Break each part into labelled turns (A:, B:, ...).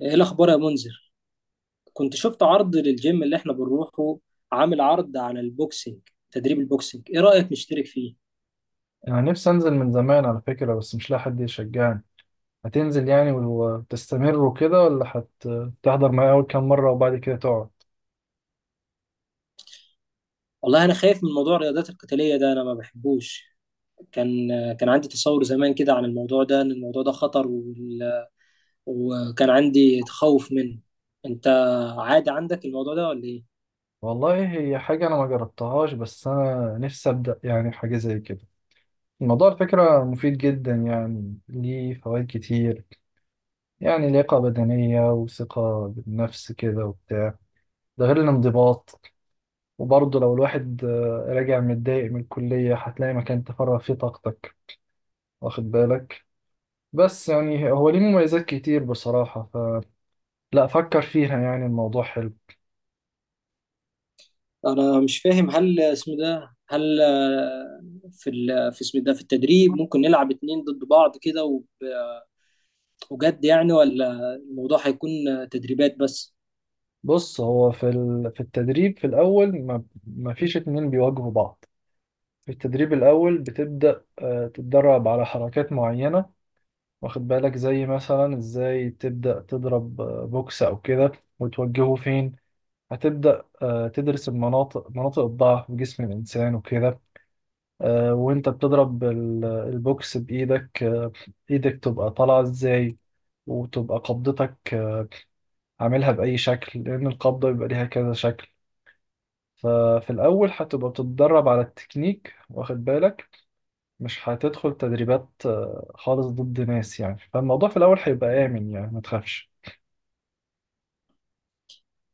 A: ايه الاخبار يا منذر؟ كنت شفت عرض للجيم اللي احنا بنروحه، عامل عرض على البوكسينج، تدريب البوكسينج. ايه رايك نشترك فيه؟
B: أنا نفسي أنزل من زمان على فكرة، بس مش لاقي حد يشجعني. هتنزل يعني وتستمر وكده ولا هتحضر معايا أول كام مرة وبعد كده تقعد؟
A: والله انا خايف من موضوع الرياضات القتاليه ده، انا ما بحبوش. كان كان عندي تصور زمان كده عن الموضوع ده ان الموضوع ده خطر، وكان عندي تخوف منه. انت عادي عندك الموضوع ده ولا ايه؟
B: والله هي حاجة أنا ما جربتهاش، بس أنا نفسي أبدأ يعني حاجة زي كده. الموضوع على فكرة مفيد جدا، يعني ليه فوائد كتير. يعني لياقة بدنية وثقة بالنفس كده وبتاع. ده غير الانضباط. وبرضه لو الواحد راجع متضايق من الكلية هتلاقي مكان تفرغ فيه طاقتك، واخد بالك. بس يعني هو ليه مميزات كتير بصراحة. فلا فكر فيها، يعني الموضوع حلو.
A: انا مش فاهم، هل اسمه ده، هل في في اسمه ده، في التدريب ممكن نلعب اتنين ضد بعض كده بجد يعني، ولا الموضوع هيكون تدريبات بس؟
B: بص، هو في التدريب في الأول ما فيش اتنين بيواجهوا بعض. في التدريب الأول بتبدأ تتدرب على حركات معينة، واخد بالك، زي مثلا ازاي تبدأ تضرب بوكس أو كده، وتوجهه فين. هتبدأ تدرس المناطق، مناطق الضعف في جسم الإنسان وكده. وانت بتضرب البوكس بايدك، ايدك تبقى طالعه ازاي، وتبقى قبضتك عاملها باي شكل، لان القبضه بيبقى ليها كذا شكل. ففي الاول هتبقى بتتدرب على التكنيك، واخد بالك. مش هتدخل تدريبات خالص ضد ناس يعني، فالموضوع في الاول هيبقى امن يعني، ما تخافش.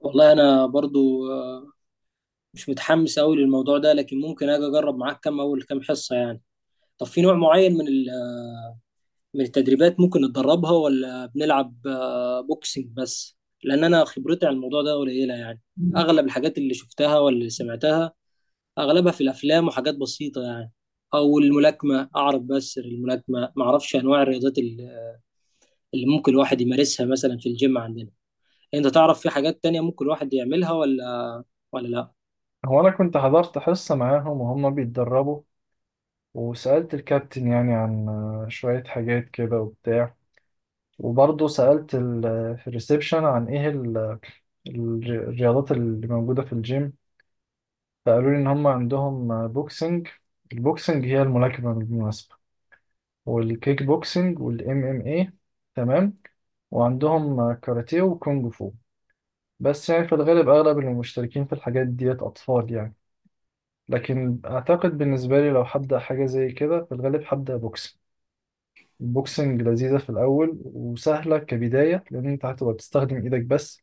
A: والله انا برضو مش متحمس قوي للموضوع ده، لكن ممكن اجي اجرب معاك اول كام حصة يعني. طب في نوع معين من من التدريبات ممكن نتدربها، ولا بنلعب بوكسنج بس؟ لان انا خبرتي عن الموضوع ده قليلة يعني. اغلب الحاجات اللي شفتها ولا اللي سمعتها اغلبها في الافلام وحاجات بسيطة يعني. او الملاكمة اعرف، بس الملاكمة ما اعرفش انواع الرياضات اللي ممكن الواحد يمارسها مثلا في الجيم عندنا. انت تعرف في حاجات تانية ممكن الواحد يعملها ولا لا؟
B: هو انا كنت حضرت حصه معاهم وهم بيتدربوا، وسألت الكابتن يعني عن شوية حاجات كده وبتاع. وبرضه سألت في الريسبشن عن ايه الرياضات اللي موجودة في الجيم. فقالوا لي ان هم عندهم بوكسنج. البوكسنج هي الملاكمة بالمناسبة، والكيك بوكسنج والام ام اي. تمام. وعندهم كاراتيه وكونج فو. بس يعني في الغالب اغلب اللي مشتركين في الحاجات ديت اطفال يعني. لكن اعتقد بالنسبة لي لو هبدأ حاجة زي كده في الغالب هبدأ بوكسنج. البوكسنج لذيذة في الأول وسهلة كبداية، لأن أنت هتبقى بتستخدم إيدك بس.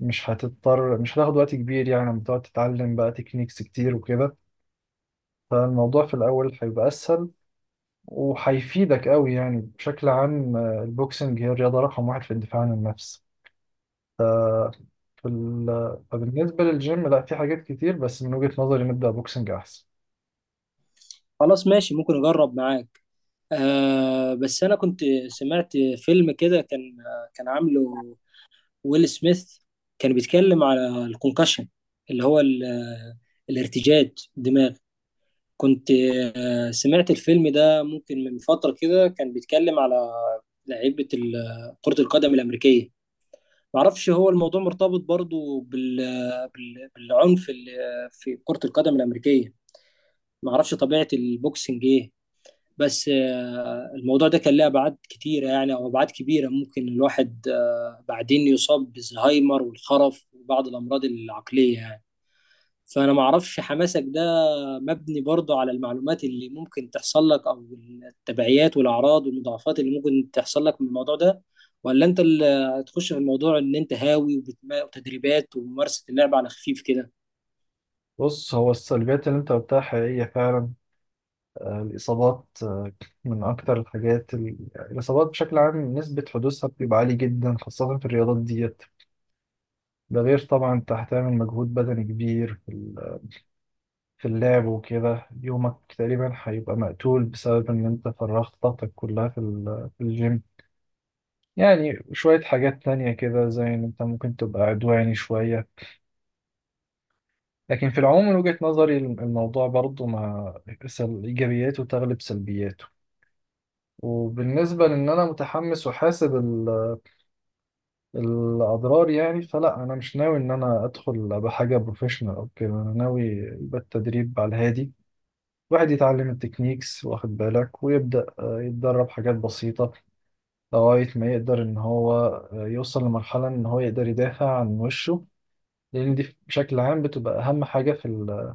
B: مش هتضطر، مش هتاخد وقت كبير يعني، لما تقعد تتعلم بقى تكنيكس كتير وكده. فالموضوع في الأول هيبقى أسهل وهيفيدك قوي يعني. بشكل عام البوكسنج هي الرياضة رقم واحد في الدفاع عن النفس في ال... فبالنسبة للجيم، لا في حاجات كتير بس من وجهة نظري نبدأ بوكسنج أحسن.
A: خلاص ماشي، ممكن اجرب معاك. آه بس انا كنت سمعت فيلم كده، كان عامله ويل سميث، كان بيتكلم على الكونكشن، اللي هو الارتجاج الدماغ. كنت آه سمعت الفيلم ده ممكن من فترة كده، كان بيتكلم على لعيبة كرة القدم الأمريكية. معرفش هو الموضوع مرتبط برضو بالعنف اللي في كرة القدم الأمريكية. ما اعرفش طبيعه البوكسنج ايه. بس الموضوع ده كان له ابعاد كتيره يعني، او ابعاد كبيره، ممكن الواحد بعدين يصاب بالزهايمر والخرف وبعض الامراض العقليه يعني. فانا ما اعرفش حماسك ده مبني برضه على المعلومات اللي ممكن تحصل لك، او التبعيات والاعراض والمضاعفات اللي ممكن تحصل لك من الموضوع ده، ولا انت اللي هتخش في الموضوع ان انت هاوي وتدريبات وممارسه اللعبه على خفيف كده؟
B: بص، هو السلبيات اللي انت قلتها حقيقية فعلا. الإصابات، من أكتر الحاجات الإصابات بشكل عام نسبة حدوثها بتبقى عالية جدا خاصة في الرياضات دي. ده غير طبعا انت هتعمل مجهود بدني كبير في اللعب وكده. يومك تقريبا هيبقى مقتول بسبب ان انت فرغت طاقتك كلها في الجيم. يعني شوية حاجات تانية كده زي ان انت ممكن تبقى عدواني شوية. لكن في العموم من وجهة نظري الموضوع برضو مع ايجابياته تغلب سلبياته. وبالنسبة لان انا متحمس وحاسب الاضرار يعني، فلا انا مش ناوي ان انا ادخل بحاجة بروفيشنال او كده، انا ناوي يبقى التدريب على الهادي. الواحد يتعلم التكنيكس، واخد بالك، ويبدأ يتدرب حاجات بسيطة، لغاية ما يقدر إن هو يوصل لمرحلة إن هو يقدر يدافع عن وشه. لأن دي بشكل عام بتبقى أهم حاجة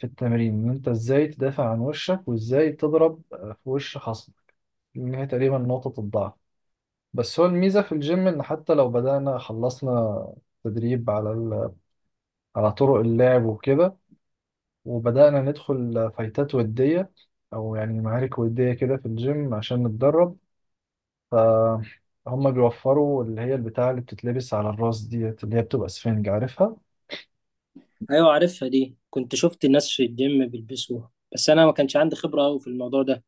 B: في التمرين، إن أنت إزاي تدافع عن وشك وإزاي تضرب في وش خصمك. إن هي تقريبا نقطة الضعف. بس هو الميزة في الجيم إن حتى لو بدأنا، خلصنا تدريب على على طرق اللعب وكده، وبدأنا ندخل فايتات ودية، أو يعني معارك ودية كده في الجيم عشان نتدرب، فهم بيوفروا اللي هي البتاعة اللي بتتلبس على الراس ديت اللي هي بتبقى سفنج، عارفها.
A: ايوه عارفها دي، كنت شفت الناس في الجيم بيلبسوها، بس انا ما كانش عندي خبرة قوي في الموضوع ده.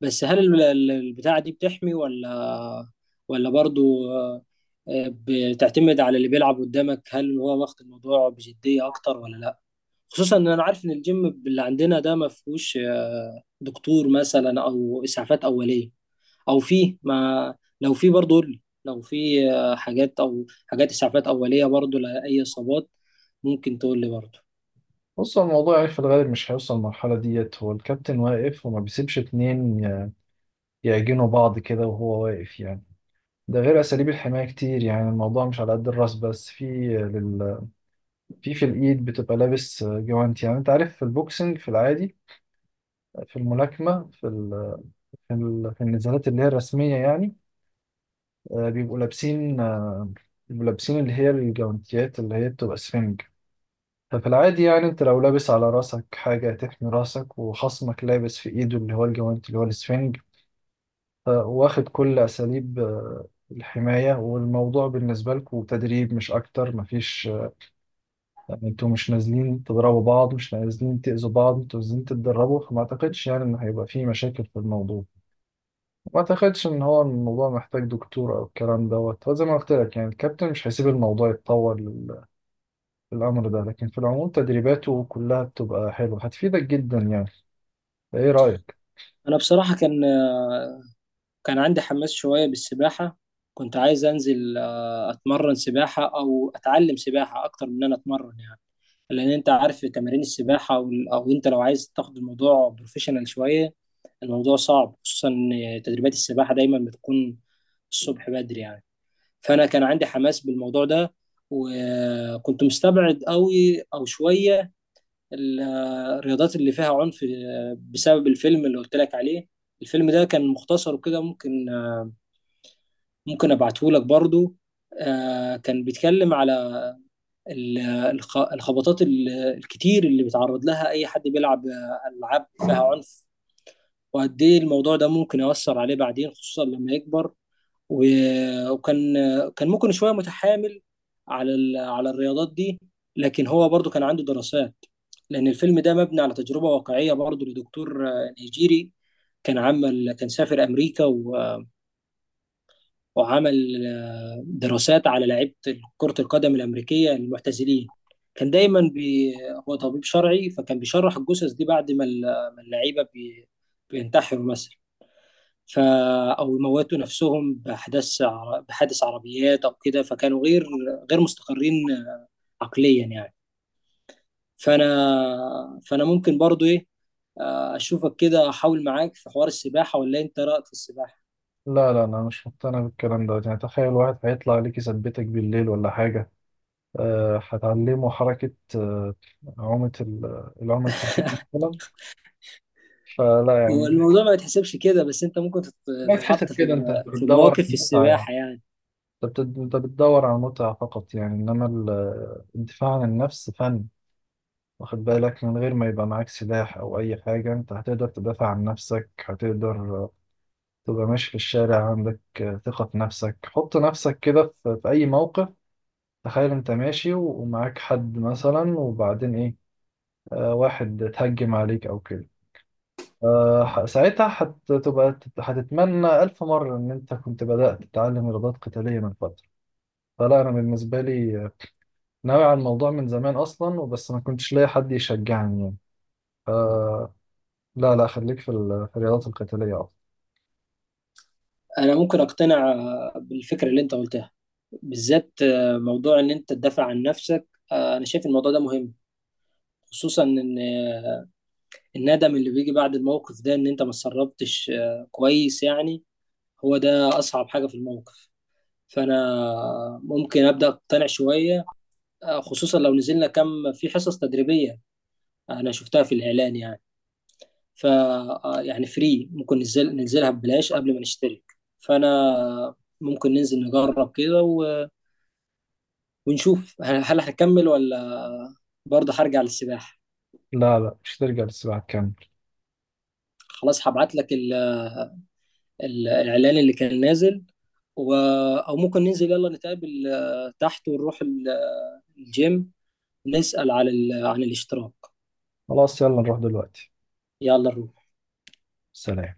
A: بس هل البتاعة دي بتحمي، ولا برضو بتعتمد على اللي بيلعب قدامك هل هو واخد الموضوع بجدية اكتر ولا لا؟ خصوصا ان انا عارف ان الجيم اللي عندنا ده ما فيهوش دكتور مثلا او اسعافات اولية. او فيه ما لو فيه برضو قول لي، لو فيه حاجات او حاجات اسعافات اولية برضو لاي اصابات ممكن تقول لي برضو.
B: بص، هو الموضوع يعني في الغالب مش هيوصل للمرحلة ديت. هو الكابتن واقف وما بيسيبش اتنين يعجنوا بعض كده وهو واقف يعني. ده غير أساليب الحماية كتير، يعني الموضوع مش على قد الراس بس. في لل... في في الإيد بتبقى لابس جوانت، يعني أنت عارف في البوكسنج في العادي، في الملاكمة في النزالات اللي هي الرسمية يعني، آه، بيبقوا لابسين آه، بيبقوا لابسين اللي هي الجوانتيات اللي هي بتبقى سفنج. ففي العادي يعني انت لو لابس على راسك حاجة تحمي راسك وخصمك لابس في ايده اللي هو الجوانت اللي هو السفنج. واخد كل اساليب الحماية، والموضوع بالنسبة لكم تدريب مش اكتر، مفيش يعني انتوا مش نازلين تضربوا بعض، مش نازلين تأذوا بعض، انتوا نازلين تتدربوا، فما اعتقدش يعني ان هيبقى في مشاكل في الموضوع. ما اعتقدش ان هو الموضوع محتاج دكتور او الكلام دوت. هو زي ما قلت لك يعني الكابتن مش هيسيب الموضوع يتطور للامر ده. لكن في العموم تدريباته كلها بتبقى حلوه، هتفيدك جدا يعني. ايه رايك؟
A: انا بصراحه كان عندي حماس شويه بالسباحه. كنت عايز انزل اتمرن سباحه او اتعلم سباحه اكتر من ان انا اتمرن يعني. لان انت عارف تمارين السباحه او انت لو عايز تاخد الموضوع بروفيشنال شويه الموضوع صعب، خصوصا إن تدريبات السباحه دايما بتكون الصبح بدري يعني. فانا كان عندي حماس بالموضوع ده، وكنت مستبعد قوي او شويه ال- الرياضات اللي فيها عنف بسبب الفيلم اللي قلت لك عليه. الفيلم ده كان مختصر وكده، ممكن ابعته لك برضو. كان بيتكلم على ال- الخبطات الكتير اللي بيتعرض لها اي حد بيلعب العاب فيها عنف، وقد ايه الموضوع ده ممكن يؤثر عليه بعدين خصوصا لما يكبر. وكان ممكن شويه متحامل على على الرياضات دي، لكن هو برضو كان عنده دراسات. لان الفيلم ده مبني على تجربه واقعيه برضو لدكتور نيجيري. كان سافر امريكا وعمل دراسات على لعيبه كره القدم الامريكيه المعتزلين. كان دايما بي هو طبيب شرعي، فكان بيشرح الجثث دي بعد ما ما اللعيبه بينتحروا مثلا، ف او يموتوا نفسهم باحداث بحادث عربيات او كده. فكانوا غير مستقرين عقليا يعني. فانا ممكن برضو ايه، اشوفك كده احاول معاك في حوار السباحه. ولا انت رايك في السباحه؟
B: لا لا، انا مش مقتنع بالكلام دوت. يعني تخيل واحد هيطلع لك يثبتك بالليل ولا حاجه، أه هتعلمه حركه عومه العومه الكبيره مثلا. فلا
A: هو
B: يعني.
A: الموضوع ما يتحسبش كده، بس انت ممكن
B: ما تحسب
A: تتحط في
B: كده، انت بتدور على
A: مواقف في
B: المتعه يعني.
A: السباحه يعني.
B: أنت بتدور على المتعه فقط يعني، انما الدفاع عن النفس فن، واخد بالك. من غير ما يبقى معاك سلاح أو أي حاجة أنت هتقدر تدافع عن نفسك، هتقدر تبقى ماشي في الشارع عندك ثقة في نفسك. حط نفسك كده في أي موقف. تخيل أنت ماشي ومعاك حد مثلا وبعدين إيه، واحد اتهجم عليك أو كده، ساعتها هتتمنى ألف مرة إن أنت كنت بدأت تتعلم إرادات قتالية من فترة. فلا أنا بالنسبة لي ناوي على الموضوع من زمان أصلا، وبس ما كنتش لاقي حد يشجعني يعني. آه، لا لا، خليك في الرياضات القتالية أفضل.
A: انا ممكن اقتنع بالفكره اللي انت قلتها، بالذات موضوع ان انت تدافع عن نفسك. انا شايف الموضوع ده مهم، خصوصا ان الندم اللي بيجي بعد الموقف ده ان انت ما اتسربتش كويس يعني، هو ده اصعب حاجة في الموقف. فانا ممكن ابدا اقتنع شوية، خصوصا لو نزلنا كم في حصص تدريبية. انا شفتها في الاعلان يعني، ف آه، يعني فري ممكن ننزل ننزلها ببلاش قبل ما نشترك. فانا ممكن ننزل نجرب كده ونشوف هل هكمل، ولا برضه هرجع للسباحة.
B: لا لا، مش ترجع للسباحة، تكمل.
A: خلاص هبعت لك الإعلان اللي كان نازل و... أو ممكن ننزل، يلا نتقابل تحت ونروح الجيم، نسأل على عن الاشتراك.
B: خلاص يلا نروح دلوقتي.
A: يلا نروح.
B: سلام.